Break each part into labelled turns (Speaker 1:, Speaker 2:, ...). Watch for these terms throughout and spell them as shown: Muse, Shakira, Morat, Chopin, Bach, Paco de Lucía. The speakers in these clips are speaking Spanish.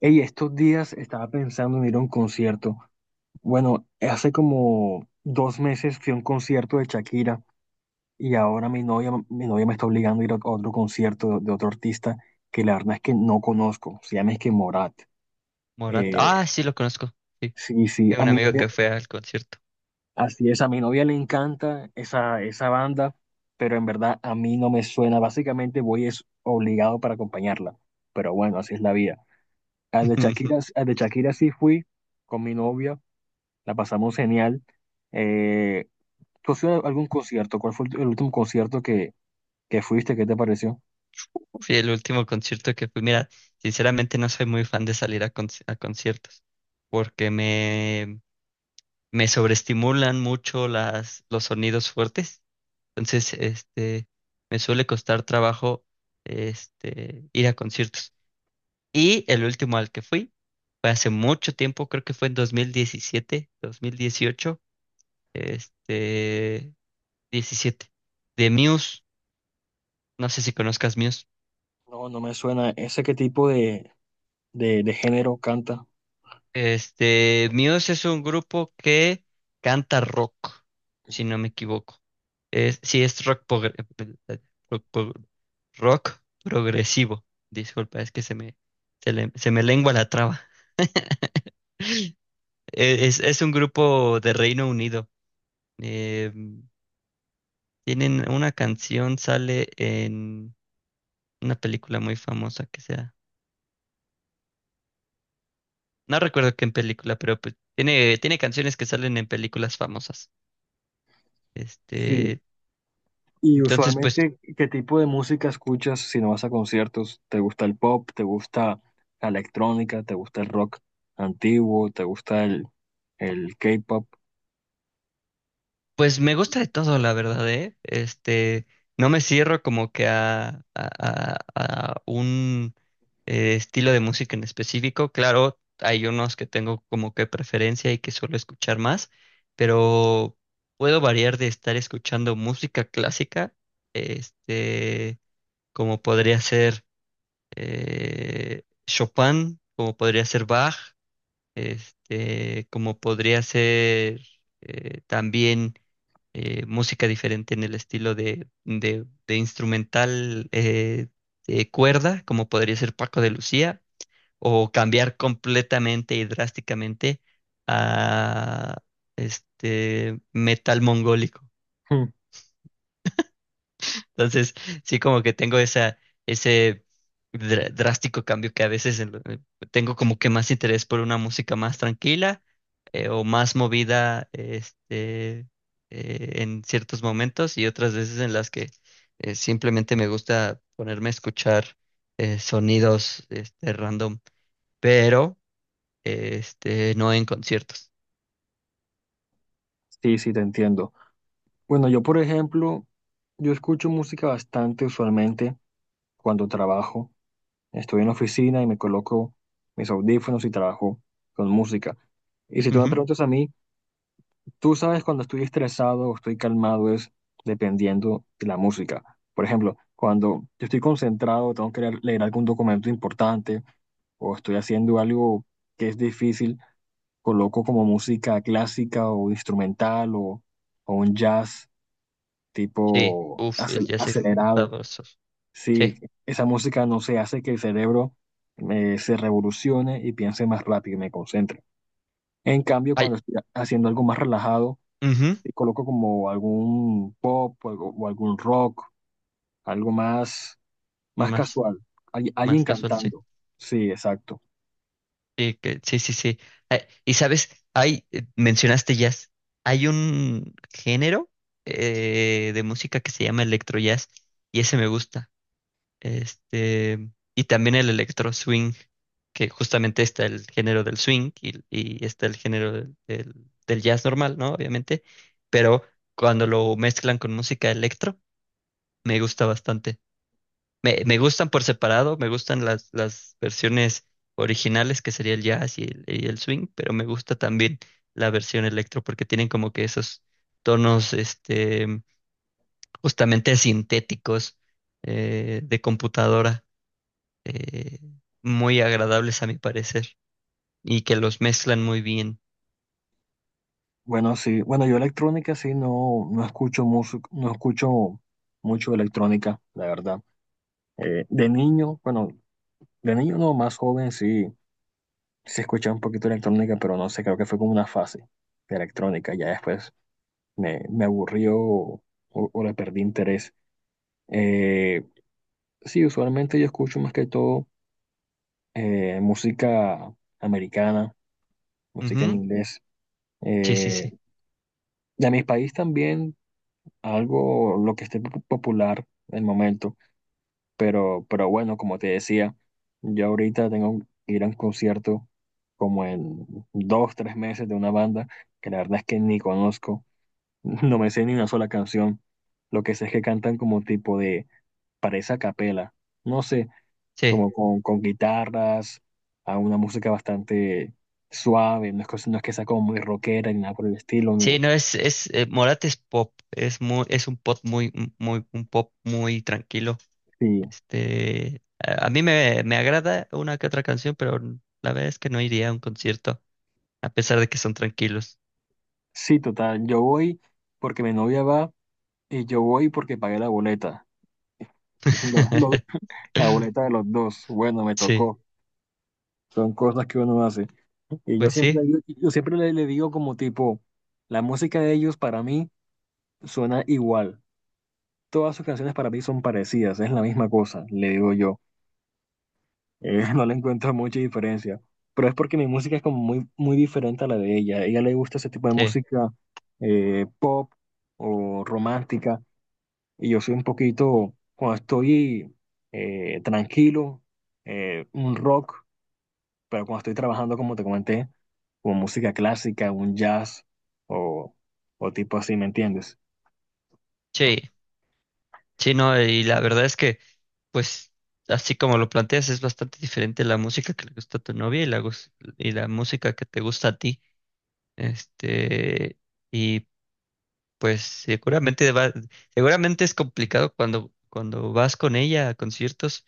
Speaker 1: Hey, estos días estaba pensando en ir a un concierto. Bueno, hace como dos meses fui a un concierto de Shakira y ahora mi novia me está obligando a ir a otro concierto de otro artista que la verdad es que no conozco. Se llama es que Morat.
Speaker 2: Morata.
Speaker 1: Eh,
Speaker 2: Ah, sí, lo conozco. Sí,
Speaker 1: sí, sí,
Speaker 2: tengo
Speaker 1: a
Speaker 2: un
Speaker 1: mí,
Speaker 2: amigo. Sí, que fue al concierto.
Speaker 1: así es, a mi novia le encanta esa banda, pero en verdad a mí no me suena. Básicamente voy es obligado para acompañarla, pero bueno, así es la vida. Al de Shakira, al de Shakira sí fui con mi novia, la pasamos genial. Eh, ¿Tú has ido a algún concierto? ¿Cuál fue el último concierto que fuiste? ¿Qué te pareció?
Speaker 2: Fui el último concierto que fui. Mira, sinceramente no soy muy fan de salir a, a conciertos porque me sobreestimulan mucho los sonidos fuertes. Entonces, me suele costar trabajo, ir a conciertos. Y el último al que fui fue hace mucho tiempo, creo que fue en 2017, 2018, este, 17, de Muse. No sé si conozcas Muse.
Speaker 1: No, no me suena. ¿Ese qué tipo de género canta?
Speaker 2: Muse es un grupo que canta rock, si no me equivoco. Es rock, rock, pro- rock progresivo. Disculpa, es que se me lengua la traba. Es un grupo de Reino Unido. Eh, Tienen una canción, sale en una película muy famosa que sea. No recuerdo qué en película, pero pues, tiene canciones que salen en películas famosas.
Speaker 1: Sí.
Speaker 2: Este.
Speaker 1: Y
Speaker 2: Entonces, pues,
Speaker 1: usualmente, ¿qué tipo de música escuchas si no vas a conciertos? ¿Te gusta el pop? ¿Te gusta la electrónica? ¿Te gusta el rock antiguo? ¿Te gusta el K-pop?
Speaker 2: pues me gusta de todo, la verdad, ¿eh? No me cierro como que a un estilo de música en específico. Claro, hay unos que tengo como que preferencia y que suelo escuchar más, pero puedo variar de estar escuchando música clásica, este, como podría ser Chopin, como podría ser Bach, como podría ser también música diferente en el estilo de instrumental, de cuerda, como podría ser Paco de Lucía, o cambiar completamente y drásticamente a este metal mongólico.
Speaker 1: Hmm.
Speaker 2: Entonces, sí como que tengo ese drástico cambio que a veces tengo como que más interés por una música más tranquila, o más movida, en ciertos momentos y otras veces en las que simplemente me gusta ponerme a escuchar sonidos, random, pero no en conciertos.
Speaker 1: Sí, sí, te entiendo. Bueno, yo, por ejemplo, yo escucho música bastante usualmente cuando trabajo. Estoy en la oficina y me coloco mis audífonos y trabajo con música. Y si tú me
Speaker 2: Ujú.
Speaker 1: preguntas a mí, tú sabes cuando estoy estresado o estoy calmado es dependiendo de la música. Por ejemplo, cuando yo estoy concentrado, tengo que leer algún documento importante o estoy haciendo algo que es difícil, coloco como música clásica o instrumental o un jazz
Speaker 2: Sí,
Speaker 1: tipo
Speaker 2: uff, el jazz es
Speaker 1: acelerado,
Speaker 2: sabroso.
Speaker 1: si
Speaker 2: Sí,
Speaker 1: esa música no se hace que el cerebro se revolucione y piense más rápido y me concentre. En cambio,
Speaker 2: hay,
Speaker 1: cuando estoy haciendo algo más relajado,
Speaker 2: ujú.
Speaker 1: y coloco como algún pop o o algún rock, algo más, más
Speaker 2: Más,
Speaker 1: casual,
Speaker 2: más
Speaker 1: alguien
Speaker 2: casual, sí.
Speaker 1: cantando. Sí, exacto.
Speaker 2: Sí, sí, sí, sí. Y sabes, mencionaste jazz. Hay un género de música que se llama electro jazz y ese me gusta. Este, y también el electro swing, que justamente está el género del swing y está el género del del jazz normal, ¿no? Obviamente. Pero cuando lo mezclan con música electro, me gusta bastante. Me gustan por separado, me gustan las versiones originales, que sería el jazz y y el swing, pero me gusta también la versión electro porque tienen como que esos tonos, justamente sintéticos, de computadora, eh, muy agradables a mi parecer, y que los mezclan muy bien.
Speaker 1: Bueno, sí, bueno, yo electrónica sí no, no escucho música, no escucho mucho electrónica, la verdad. De niño, bueno, de niño no, más joven sí se escuchaba un poquito de electrónica, pero no sé, creo que fue como una fase de electrónica. Ya después me aburrió o le perdí interés. Eh, sí, usualmente yo escucho más que todo música americana, música en
Speaker 2: Ujú.
Speaker 1: inglés.
Speaker 2: Sí, sí,
Speaker 1: Eh,
Speaker 2: sí,
Speaker 1: de mi país también algo, lo que esté popular en el momento. Pero bueno, como te decía, yo ahorita tengo que ir a un concierto como en dos, tres meses de una banda que la verdad es que ni conozco. No me sé ni una sola canción. Lo que sé es que cantan como tipo de, parece a capela. No sé,
Speaker 2: sí.
Speaker 1: como con guitarras, a una música bastante suave. No es, no es que sea como muy rockera ni nada por el estilo.
Speaker 2: Sí,
Speaker 1: Ni,
Speaker 2: no, Morat es pop, es un pop muy, muy, un pop muy tranquilo.
Speaker 1: sí,
Speaker 2: A mí me agrada una que otra canción, pero la verdad es que no iría a un concierto, a pesar de que son tranquilos.
Speaker 1: sí, total. Yo voy porque mi novia va y yo voy porque pagué la boleta. Lo- lo- la boleta de los dos. Bueno, me
Speaker 2: Sí,
Speaker 1: tocó. Son cosas que uno hace. Y yo
Speaker 2: pues
Speaker 1: siempre,
Speaker 2: sí,
Speaker 1: yo siempre le digo como tipo, la música de ellos para mí suena igual. Todas sus canciones para mí son parecidas, es la misma cosa, le digo yo. No le encuentro mucha diferencia, pero es porque mi música es como muy diferente a la de ella. A ella le gusta ese tipo de
Speaker 2: sí,
Speaker 1: música pop o romántica, y yo soy un poquito, cuando estoy tranquilo, un rock, pero cuando estoy trabajando, como te comenté, como música clásica, un jazz o, o tipo así, ¿me entiendes?
Speaker 2: sí, sí, no, y la verdad es que, pues, así como lo planteas, es bastante diferente la música que le gusta a tu novia y la música que te gusta a ti. Este, y pues seguramente es complicado cuando vas con ella a conciertos.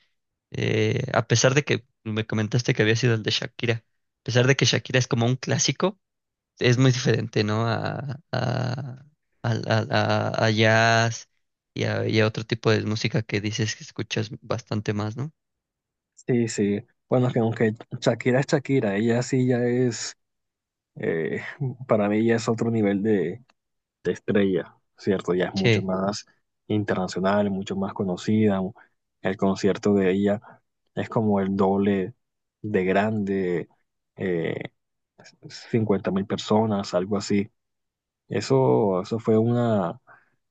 Speaker 2: A pesar de que me comentaste que había sido el de Shakira, a pesar de que Shakira es como un clásico, es muy diferente, ¿no? A jazz y a otro tipo de música que dices que escuchas bastante más, ¿no?
Speaker 1: Sí, sí. Bueno, que aunque Shakira es Shakira, ella sí ya es eh, para mí ya es otro nivel de estrella, ¿cierto? Ya es mucho
Speaker 2: Sí,
Speaker 1: más internacional, mucho más conocida. El concierto de ella es como el doble de grande, eh, 50 mil personas, algo así. Eso fue una,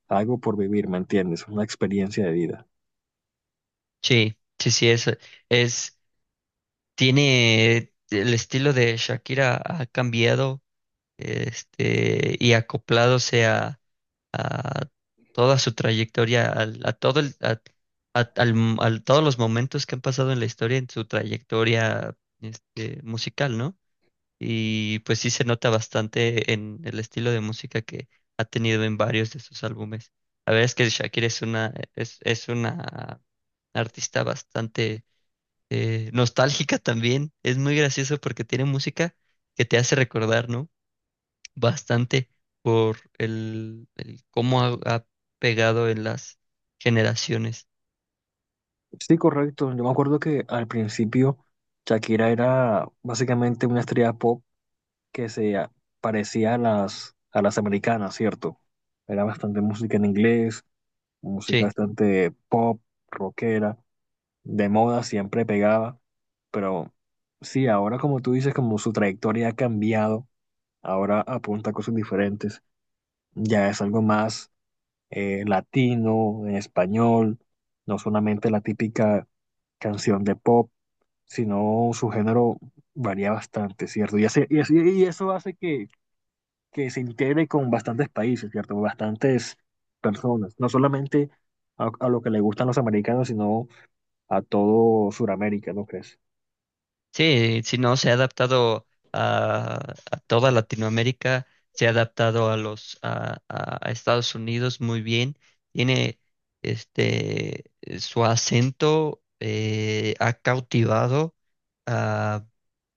Speaker 1: algo por vivir, ¿me entiendes? Una experiencia de vida.
Speaker 2: sí, sí, sí, es, tiene el estilo de Shakira ha cambiado, este, y acoplándose a toda su trayectoria, al- a, todo el, a- al m- al- todos los momentos que han pasado en la historia, en su trayectoria, musical, ¿no? Y pues sí se nota bastante en el estilo de música que ha tenido en varios de sus álbumes. La verdad es que Shakira es una artista bastante, nostálgica también. Es muy gracioso porque tiene música que te hace recordar, ¿no? Bastante por el cómo ha pegado en las generaciones.
Speaker 1: Sí, correcto. Yo me acuerdo que al principio Shakira era básicamente una estrella pop que se parecía a a las americanas, ¿cierto? Era bastante música en inglés, música
Speaker 2: Sí,
Speaker 1: bastante pop, rockera, de moda siempre pegaba, pero sí, ahora como tú dices, como su trayectoria ha cambiado, ahora apunta a cosas diferentes, ya es algo más latino, en español, no solamente la típica canción de pop, sino su género varía bastante, ¿cierto? Y eso hace que se integre con bastantes países, ¿cierto? Bastantes personas, no solamente a lo que le gustan los americanos, sino a todo Sudamérica, ¿no crees?
Speaker 2: sí, si no, se ha adaptado a toda Latinoamérica, se ha adaptado a los a Estados Unidos muy bien, tiene, este su acento, ha cautivado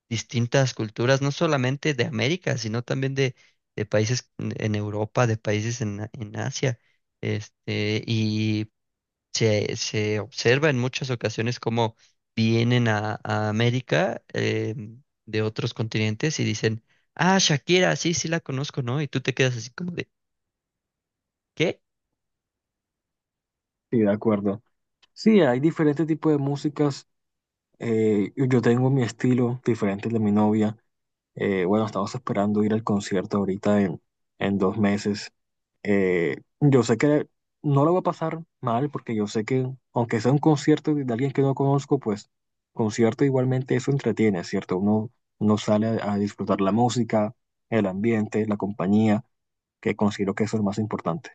Speaker 2: distintas culturas, no solamente de América, sino también de países en Europa, de países en Asia. Este, y se observa en muchas ocasiones cómo vienen a América, de otros continentes y dicen, ah, Shakira, sí, sí la conozco, ¿no? Y tú te quedas así como de, ¿qué?
Speaker 1: Sí, de acuerdo. Sí, hay diferentes tipos de músicas. Yo tengo mi estilo diferente al de mi novia. Bueno, estamos esperando ir al concierto ahorita en dos meses. Yo sé que no lo va a pasar mal porque yo sé que aunque sea un concierto de alguien que no conozco, pues concierto igualmente eso entretiene, ¿cierto? Uno, uno sale a disfrutar la música, el ambiente, la compañía, que considero que eso es lo más importante.